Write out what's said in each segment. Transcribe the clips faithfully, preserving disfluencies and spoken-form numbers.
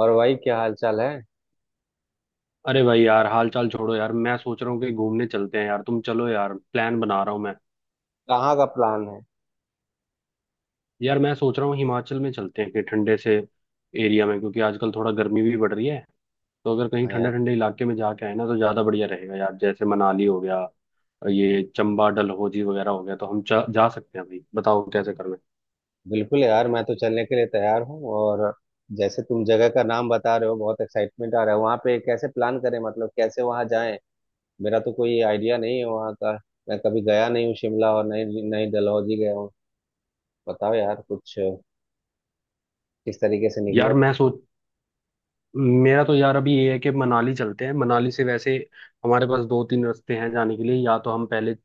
और भाई क्या हाल चाल है। अरे भाई यार, हाल चाल छोड़ो यार। मैं सोच रहा हूँ कि घूमने चलते हैं यार, तुम चलो यार, प्लान बना रहा हूँ मैं। कहाँ का प्लान है? यार मैं सोच रहा हूँ हिमाचल में चलते हैं कि ठंडे से एरिया में, क्योंकि आजकल थोड़ा गर्मी भी बढ़ रही है। तो अगर कहीं हाँ ठंडे यार। ठंडे इलाके में जाके आए ना तो ज़्यादा बढ़िया रहेगा यार। जैसे मनाली हो गया, ये चंबा, डलहौजी वगैरह हो गया। तो हम जा, जा सकते हैं भाई, बताओ कैसे करना है। बिल्कुल यार, मैं तो चलने के लिए तैयार हूँ। और जैसे तुम जगह का नाम बता रहे हो, बहुत एक्साइटमेंट आ रहा है। वहाँ पे कैसे प्लान करें, मतलब कैसे वहाँ जाएं? मेरा तो कोई आइडिया नहीं है वहाँ का। मैं कभी गया नहीं हूँ शिमला, और नई नई डलहौजी गया हूँ। बताओ यार कुछ, किस तरीके से निकले यार वहाँ मैं सोच मेरा तो यार अभी ये है कि मनाली चलते हैं। मनाली से वैसे हमारे पास दो तीन रास्ते हैं जाने के लिए। या तो हम पहले,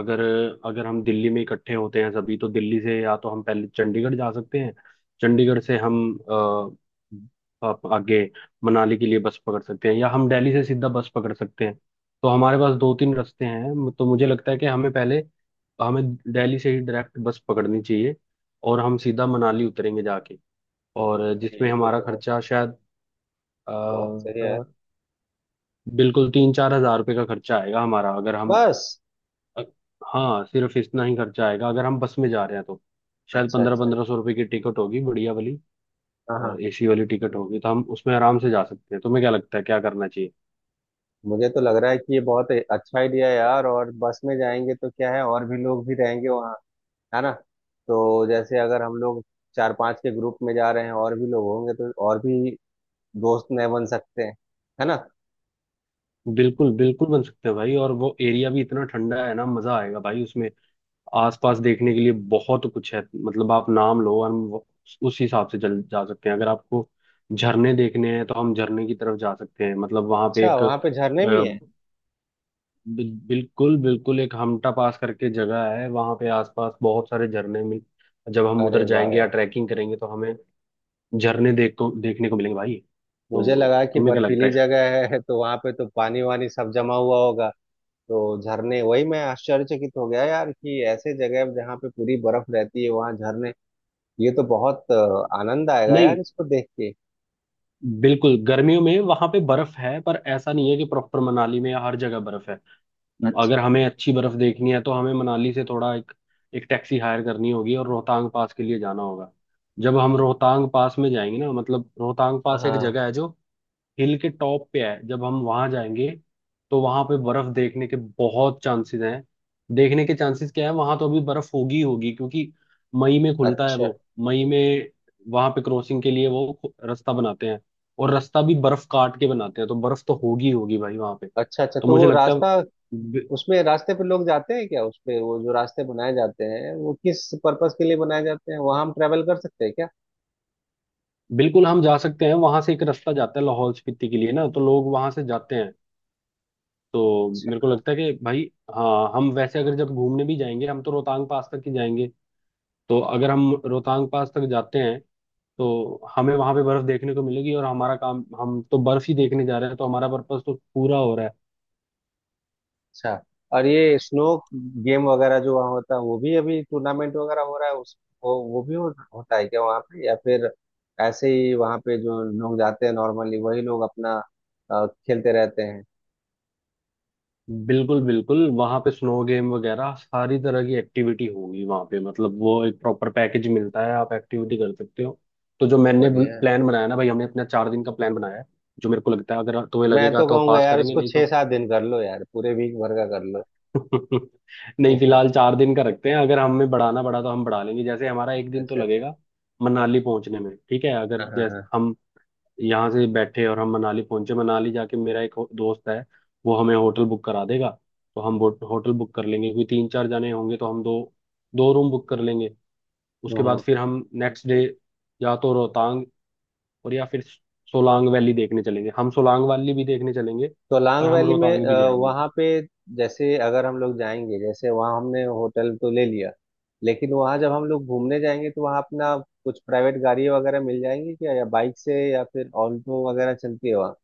अगर अगर हम दिल्ली में इकट्ठे होते हैं सभी तो दिल्ली से या तो हम पहले चंडीगढ़ जा सकते हैं। चंडीगढ़ से हम अ, अप- आगे मनाली के लिए बस पकड़ सकते हैं, या हम दिल्ली से सीधा बस पकड़ सकते हैं। तो हमारे पास दो तीन रास्ते हैं, तो मुझे लगता है कि हमें पहले हमें दिल्ली से ही डायरेक्ट बस पकड़नी चाहिए और हम सीधा मनाली उतरेंगे जाके। और से? ये जिसमें तो हमारा बहुत खर्चा शायद बहुत सही है यार। अ, बिल्कुल तीन चार हजार रुपये का खर्चा आएगा हमारा, अगर हम बस। अ- हाँ, सिर्फ इतना ही खर्चा आएगा अगर हम बस में जा रहे हैं तो। शायद अच्छा पंद्रह अच्छा। पंद्रह सौ रुपए की टिकट होगी, बढ़िया वाली हाँ हाँ। और एसी वाली टिकट होगी, तो हम उसमें आराम से जा सकते हैं। तुम्हें क्या लगता है क्या करना चाहिए? मुझे तो लग रहा है कि ये बहुत अच्छा आइडिया है यार। और बस में जाएंगे तो क्या है, और भी लोग भी रहेंगे वहाँ, है ना? तो जैसे अगर हम लोग चार पांच के ग्रुप में जा रहे हैं, और भी लोग होंगे तो और भी दोस्त नए बन सकते हैं, है ना? बिल्कुल बिल्कुल बन सकते हैं भाई। और वो एरिया भी इतना ठंडा है ना, मजा आएगा भाई उसमें। आसपास देखने के लिए बहुत कुछ है, मतलब आप नाम लो और हम वो- उस हिसाब से चल जा सकते हैं। अगर आपको झरने देखने हैं तो हम झरने की तरफ जा सकते हैं, मतलब वहां पे अच्छा, एक, वहां पे झरने भी हैं? बिल, बिल्कुल बिल्कुल एक हमटा पास करके जगह है वहां पे, आसपास बहुत सारे झरने मिल, जब हम अरे उधर वाह जाएंगे या यार। ट्रैकिंग करेंगे तो हमें झरने देख को देखने को मिलेंगे भाई। मुझे तो लगा कि तुम्हें क्या लगता बर्फीली है? जगह है, तो वहां पे तो पानी वानी सब जमा हुआ होगा। तो झरने, वही मैं आश्चर्यचकित हो गया यार कि ऐसे जगह जहाँ पे पूरी बर्फ रहती है वहां झरने। ये तो बहुत अ, आनंद आएगा नहीं, यार इसको देख के। बिल्कुल गर्मियों में वहां पे बर्फ है पर ऐसा नहीं है कि प्रॉपर मनाली में हर जगह बर्फ है। अगर अच्छा। हमें अच्छी बर्फ देखनी है तो हमें मनाली से थोड़ा एक एक टैक्सी हायर करनी होगी और रोहतांग पास के लिए जाना होगा। जब हम रोहतांग पास में जाएंगे ना, मतलब रोहतांग पास एक हाँ। जगह है जो हिल के टॉप पे है। जब हम वहां जाएंगे तो वहां पे बर्फ देखने के बहुत चांसेस हैं। देखने के चांसेस क्या है, वहां तो अभी बर्फ होगी ही होगी, क्योंकि मई में खुलता है अच्छा वो। मई में वहां पे क्रॉसिंग के लिए वो खु- रास्ता बनाते हैं, और रास्ता भी बर्फ काट के बनाते हैं, तो बर्फ तो होगी ही होगी भाई वहां पे। अच्छा। अच्छा, तो तो मुझे वो लगता है रास्ता, बि- उसमें रास्ते पे लोग जाते हैं क्या? उस पे वो जो रास्ते बनाए जाते हैं वो किस पर्पस के लिए बनाए जाते हैं? वहां हम ट्रेवल कर सकते हैं क्या? बिल्कुल हम जा सकते हैं, वहां से एक रास्ता जाता है लाहौल स्पीति के लिए ना, तो लोग वहां से जाते हैं। तो अच्छा मेरे को लगता है कि भाई, हाँ हम वैसे अगर जब घूमने भी जाएंगे हम तो रोहतांग पास तक ही जाएंगे। तो अगर हम रोहतांग पास तक जाते हैं तो हमें वहां पे बर्फ देखने को मिलेगी, और हमारा काम, हम तो बर्फ ही देखने जा रहे हैं तो हमारा पर्पस तो पूरा हो रहा है। अच्छा। और ये स्नो गेम वगैरह जो वहाँ होता है, वो भी अभी टूर्नामेंट वगैरह हो रहा है उस, वो, वो भी हो, होता है क्या वहाँ पे, या फिर ऐसे ही वहाँ पे जो लोग जाते हैं नॉर्मली वही लोग अपना अ, खेलते रहते हैं? बिल्कुल बिल्कुल, वहां पे स्नो गेम वगैरह सारी तरह की एक्टिविटी होगी वहां पे, मतलब वो एक प्रॉपर पैकेज मिलता है, आप एक्टिविटी कर सकते हो। तो जो मैंने बढ़िया। प्लान बनाया ना भाई, हमने अपना चार दिन का प्लान बनाया है, जो मेरे को लगता है अगर तुम्हें मैं लगेगा तो तो कहूंगा पास यार करेंगे, उसको नहीं छह तो। सात दिन कर लो यार, पूरे वीक भर का कर लो। नहीं, फिलहाल चार दिन का रखते हैं, अगर हमें बढ़ाना पड़ा तो हम बढ़ा लेंगे। जैसे हमारा एक दिन तो अच्छा अच्छा। लगेगा मनाली पहुंचने में, ठीक है, अगर हाँ जैसे हाँ। हम यहाँ से बैठे और हम मनाली पहुंचे। मनाली जाके मेरा एक हो- दोस्त है, वो हमें होटल बुक करा देगा, तो हम वो- होटल बुक कर लेंगे, क्योंकि तीन चार जने होंगे तो हम दो दो रूम बुक कर लेंगे। उसके बाद हाँ, फिर हम नेक्स्ट डे या तो रोहतांग, और या फिर सोलांग वैली देखने चलेंगे। हम सोलांग वैली भी देखने चलेंगे सोलांग और हम वैली में रोहतांग अ, भी जाएंगे। वहाँ पे, जैसे अगर हम लोग जाएंगे, जैसे वहाँ हमने होटल तो ले लिया, लेकिन वहाँ जब हम लोग घूमने जाएंगे तो वहाँ अपना कुछ प्राइवेट गाड़ी वगैरह मिल जाएंगी क्या, या बाइक से या फिर ऑल्टो वगैरह चलती है वहाँ?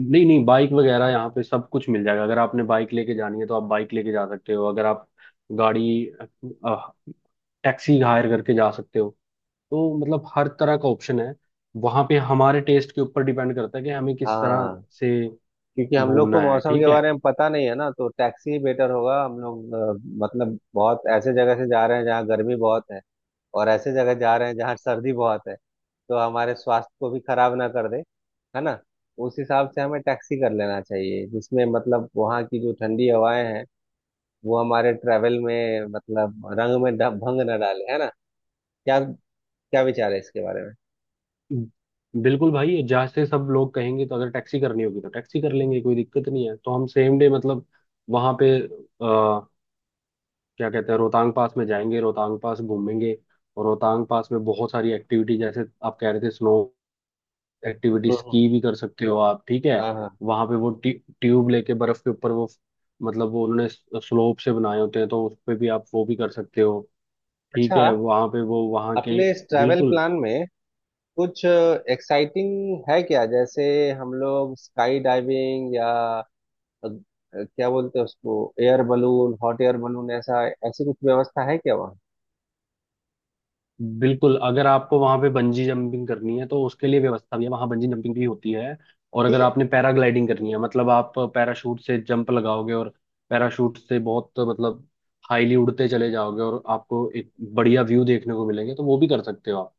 नहीं नहीं, बाइक वगैरह यहाँ पे सब कुछ मिल जाएगा, अगर आपने बाइक लेके जानी है तो आप बाइक लेके जा सकते हो। अगर आप गाड़ी, टैक्सी हायर करके जा सकते हो, तो मतलब हर तरह का ऑप्शन है वहाँ पे। हमारे टेस्ट के ऊपर डिपेंड करता है कि हमें किस तरह हाँ। से क्योंकि हम लोग को घूमना है, मौसम के ठीक है। बारे में पता नहीं है ना, तो टैक्सी ही बेटर होगा। हम लोग अ, मतलब बहुत ऐसे जगह से जा रहे हैं जहाँ गर्मी बहुत है, और ऐसे जगह जा रहे हैं जहाँ सर्दी बहुत है। तो हमारे स्वास्थ्य को भी खराब ना कर दे, है ना? उस हिसाब से हमें टैक्सी कर लेना चाहिए, जिसमें मतलब वहाँ की जो ठंडी हवाएं हैं, वो हमारे ट्रैवल में मतलब रंग में ड- भंग ना डाले, है ना? क्या क्या विचार है इसके बारे में? बिल्कुल भाई, जहाँ से सब लोग कहेंगे, तो अगर टैक्सी करनी होगी तो टैक्सी कर लेंगे, कोई दिक्कत नहीं है। तो हम सेम डे मतलब वहाँ पे क्या कहते हैं, रोहतांग पास में जाएंगे, रोहतांग पास घूमेंगे। और रोहतांग पास में बहुत सारी एक्टिविटी, जैसे आप कह रहे थे स्नो एक्टिविटी, हम्म। स्की भी कर सकते हो आप, ठीक है। हाँ हाँ। वहां पे वो ट्यू, ट्यूब लेके बर्फ के ऊपर वो, मतलब वो उन्होंने स्लोप से बनाए होते हैं, तो उस पे भी आप वो भी कर सकते हो, ठीक अच्छा, है वहां पे वो, वहां के। अपने इस ट्रैवल बिल्कुल प्लान में कुछ एक्साइटिंग है क्या? जैसे हम लोग स्काई डाइविंग या अग- अ, क्या बोलते हैं उसको, air balloon, hot air balloon, ऐसा ऐसी कुछ व्यवस्था है क्या वहाँ? बिल्कुल, अगर आपको वहां पे बंजी जंपिंग करनी है तो उसके लिए व्यवस्था भी है, वहां बंजी जंपिंग भी होती है। और ठीक अगर है। आपने पैराग्लाइडिंग करनी है, मतलब आप पैराशूट से जंप लगाओगे और पैराशूट से बहुत मतलब हाईली उड़ते चले जाओगे और आपको एक बढ़िया व्यू देखने को मिलेंगे, तो वो भी कर सकते हो आप।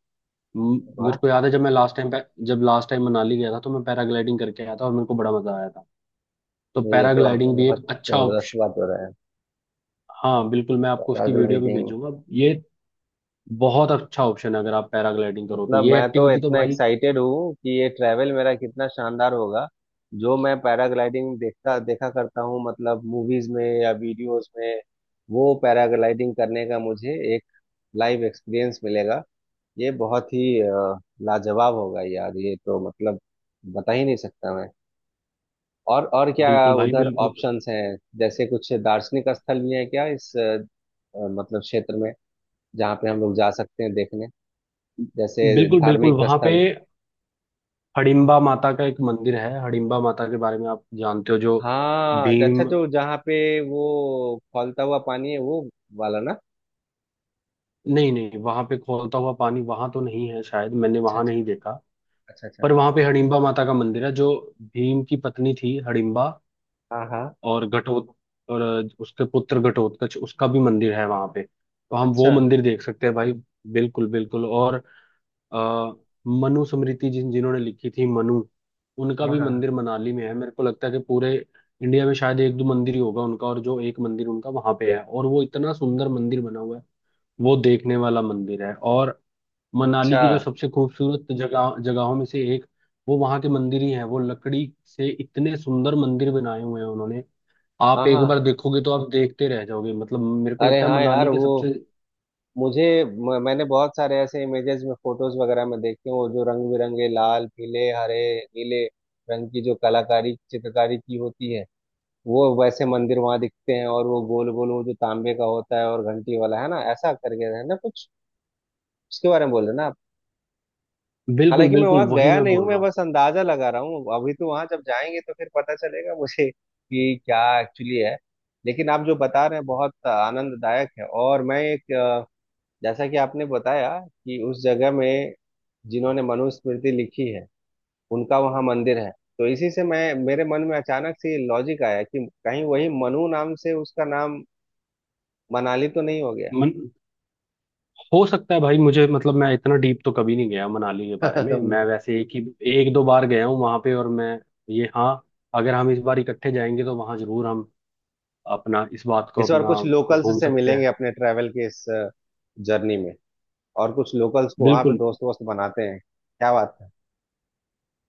म- मेरे वाह। को याद है जब मैं लास्ट टाइम जब लास्ट टाइम मनाली गया था तो मैं पैराग्लाइडिंग करके आया था और मेरे को बड़ा मजा आया था। तो ये तो आपने पैराग्लाइडिंग भी बहुत एक अच्छा जबरदस्त ऑप्शन। बात बताया। हाँ बिल्कुल, मैं आपको उसकी वीडियो भी पैराग्लाइडिंग, भेजूंगा, ये बहुत अच्छा ऑप्शन है, अगर आप पैराग्लाइडिंग करो तो मतलब ये मैं तो एक्टिविटी तो इतना भाई। एक्साइटेड हूँ कि ये ट्रैवल मेरा कितना शानदार होगा। जो मैं पैराग्लाइडिंग देखता देखा करता हूँ मतलब मूवीज में या वीडियोस में, वो पैराग्लाइडिंग करने का मुझे एक लाइव एक्सपीरियंस मिलेगा। ये बहुत ही अ, लाजवाब होगा यार, ये तो मतलब बता ही नहीं सकता मैं। और और क्या बिल्कुल भाई, उधर बिल्कुल ऑप्शंस हैं, जैसे कुछ दार्शनिक स्थल भी है क्या इस अ, मतलब क्षेत्र में जहाँ पे हम लोग जा सकते हैं देखने, जैसे बिल्कुल बिल्कुल धार्मिक वहां पे स्थल? हडिम्बा माता का एक मंदिर है। हडिम्बा माता के बारे में आप जानते हो, जो हाँ, अच्छा। भीम। जो जहाँ पे वो खौलता हुआ पानी है, वो वाला ना? नहीं नहीं, वहां पे खौलता हुआ पानी वहां तो नहीं है, शायद मैंने अच्छा वहां अच्छा नहीं देखा। अच्छा पर अच्छा। वहां पे हडिम्बा माता का मंदिर है, जो भीम की पत्नी थी हडिम्बा। हाँ हाँ। और घटोत और उसके पुत्र घटोत्कच, उसका भी मंदिर है वहां पे, तो हम वो अच्छा। मंदिर देख सकते हैं भाई। बिल्कुल बिल्कुल, और अ, मनु स्मृति जिन जिन्होंने लिखी थी मनु, उनका हाँ भी हाँ। मंदिर मनाली में है। मेरे को लगता है कि पूरे इंडिया में शायद एक दो मंदिर ही होगा उनका, और जो एक मंदिर उनका वहां पे है, और वो इतना सुंदर मंदिर बना हुआ है। वो देखने वाला मंदिर है, और मनाली अच्छा। की जो सबसे खूबसूरत जगह जगहों में से एक, वो वहां के मंदिर ही है। वो लकड़ी से इतने सुंदर मंदिर बनाए हुए हैं उन्होंने। आप हाँ एक हाँ। बार देखोगे तो आप देखते रह जाओगे, मतलब मेरे को अरे लगता है हाँ यार, मनाली के वो, सबसे। मुझे म- मैंने बहुत सारे ऐसे इमेजेस में फोटोज वगैरह में देखे हैं, वो जो रंग बिरंगे लाल पीले हरे नीले रंग की जो कलाकारी चित्रकारी की होती है, वो वैसे मंदिर वहां दिखते हैं। और वो गोल गोल वो जो तांबे का होता है और घंटी वाला है ना, ऐसा करके, है ना, कुछ उसके बारे में बोल रहे ना आप? बिल्कुल हालांकि मैं बिल्कुल, वहां वही गया मैं नहीं हूँ, बोल मैं रहा हूँ। बस अंदाजा लगा रहा हूँ, अभी तो वहां जब जाएंगे तो फिर पता चलेगा मुझे कि क्या एक्चुअली है। लेकिन आप जो बता रहे हैं बहुत आनंददायक है। और मैं एक, जैसा कि आपने बताया कि उस जगह में जिन्होंने मनुस्मृति लिखी है उनका वहां मंदिर है, तो इसी से मैं मेरे मन में अचानक से ये लॉजिक आया कि कहीं वही मनु नाम से उसका नाम मनाली तो नहीं हो गया। मन, हो सकता है भाई, मुझे मतलब मैं इतना डीप तो कभी नहीं गया मनाली के बारे में। मैं वैसे एक ही एक दो बार गया हूँ वहां पे, और मैं, ये हाँ, अगर हम इस बार इकट्ठे जाएंगे तो वहां जरूर हम अपना, इस बात को इस बार अपना कुछ लोकल्स घूम से सकते मिलेंगे हैं। अपने ट्रैवल के इस जर्नी में, और कुछ लोकल्स को वहां पे बिल्कुल, दोस्त वोस्त बनाते हैं, क्या बात है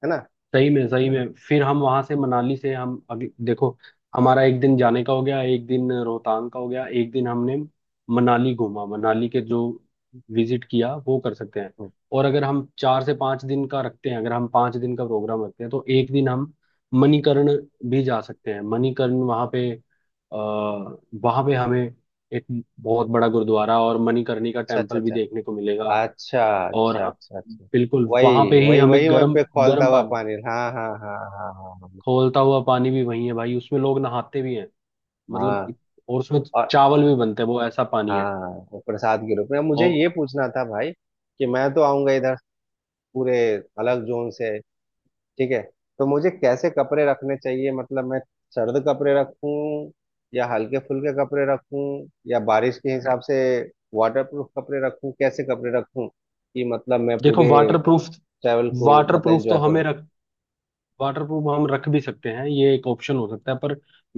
है ना? सही में सही में फिर हम वहां से, मनाली से हम अभी देखो, हमारा एक दिन जाने का हो गया, एक दिन रोहतांग का हो गया, एक दिन हमने मनाली घूमा, मनाली के जो विजिट किया वो कर सकते हैं। हम्म, और अगर हम चार से पांच दिन का रखते हैं, अगर हम पांच दिन का प्रोग्राम रखते हैं तो एक दिन हम मणिकर्ण भी जा सकते हैं। मणिकर्ण वहां पे, आ, वहां पे हमें एक बहुत बड़ा गुरुद्वारा और मणिकर्णी का अच्छा अच्छा टेम्पल भी अच्छा देखने को मिलेगा। और अच्छा। अच्छा हम- अच्छा अच्छा। बिल्कुल वहां वही पे ही वही हमें वही वहीं गर्म पे खौलता गर्म हुआ पानी, पानी, हाँ हाँ हाँ हाँ हाँ। खौलता हुआ पानी भी वही है भाई, उसमें लोग नहाते भी हैं, हाँ मतलब हाँ। इत- और उसमें और चावल भी बनते हैं, वो ऐसा पानी है। हाँ, वो प्रसाद के रूप में। अब मुझे ये और पूछना था भाई, कि मैं तो आऊंगा इधर पूरे अलग जोन से, ठीक है, तो मुझे कैसे कपड़े रखने चाहिए? मतलब मैं सर्द कपड़े रखूं, या हल्के फुल्के कपड़े रखूं, या बारिश के हिसाब से वाटरप्रूफ कपड़े रखूं? कैसे कपड़े रखूं कि मतलब मैं देखो, पूरे वाटर प्रूफ ट्रैवल को वाटर मतलब प्रूफ तो एंजॉय हमें करूं? रख वाटर प्रूफ हम रख भी सकते हैं, ये एक ऑप्शन हो सकता है, पर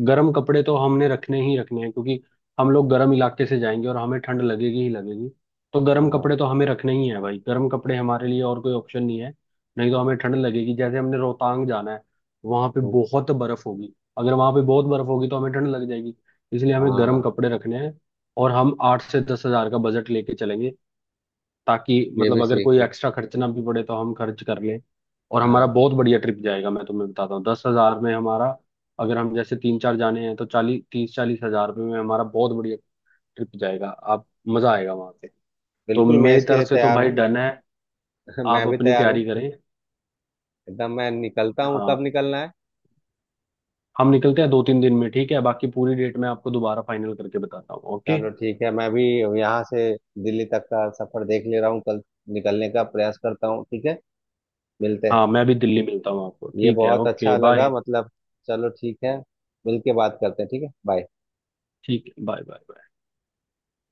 गर्म कपड़े तो हमने रखने ही रखने हैं, क्योंकि हम लोग गर्म इलाके से जाएंगे और हमें ठंड लगेगी ही लगेगी। तो गर्म हाँ। कपड़े तो हमें रखने ही है भाई, गर्म कपड़े हमारे लिए और कोई ऑप्शन नहीं है, नहीं तो हमें ठंड लगेगी। जैसे हमने रोहतांग जाना है, वहां पे तो- बहुत बर्फ होगी, अगर वहां पे बहुत बर्फ होगी तो हमें ठंड लग जाएगी, इसलिए हमें गर्म हाँ, कपड़े रखने हैं। और हम आठ से दस हजार का बजट लेके चलेंगे, ताकि ये मतलब भी अगर सीख कोई है। एक्स्ट्रा खर्चना भी पड़े तो हम खर्च कर लें, और हमारा हाँ बहुत बढ़िया ट्रिप जाएगा। मैं तुम्हें बताता हूँ दस हजार में हमारा, अगर हम जैसे तीन चार जाने हैं तो चालीस, तीस चालीस हजार रुपये में हमारा बहुत बढ़िया ट्रिप जाएगा। आप मजा आएगा वहां पे। तो बिल्कुल, मैं मेरी इसके लिए तरफ से तो तैयार भाई हूँ। डन है, मैं आप भी अपनी तैयार हूँ। तैयारी करें। एकदम, मैं निकलता हूँ, कब हाँ, निकलना है? हम निकलते हैं दो तीन दिन में, ठीक है, बाकी पूरी डेट मैं आपको दोबारा फाइनल करके बताता हूँ, ओके। चलो ठीक है, मैं भी यहाँ से दिल्ली तक का सफर देख ले रहा हूँ, कल निकलने का प्रयास करता हूँ, ठीक है? मिलते हैं। हाँ, मैं भी दिल्ली मिलता हूँ आपको, ये ठीक है, बहुत ओके अच्छा लगा, बाय। मतलब चलो ठीक है, मिलके बात करते हैं, ठीक है, बाय। ठीक है बाय बाय।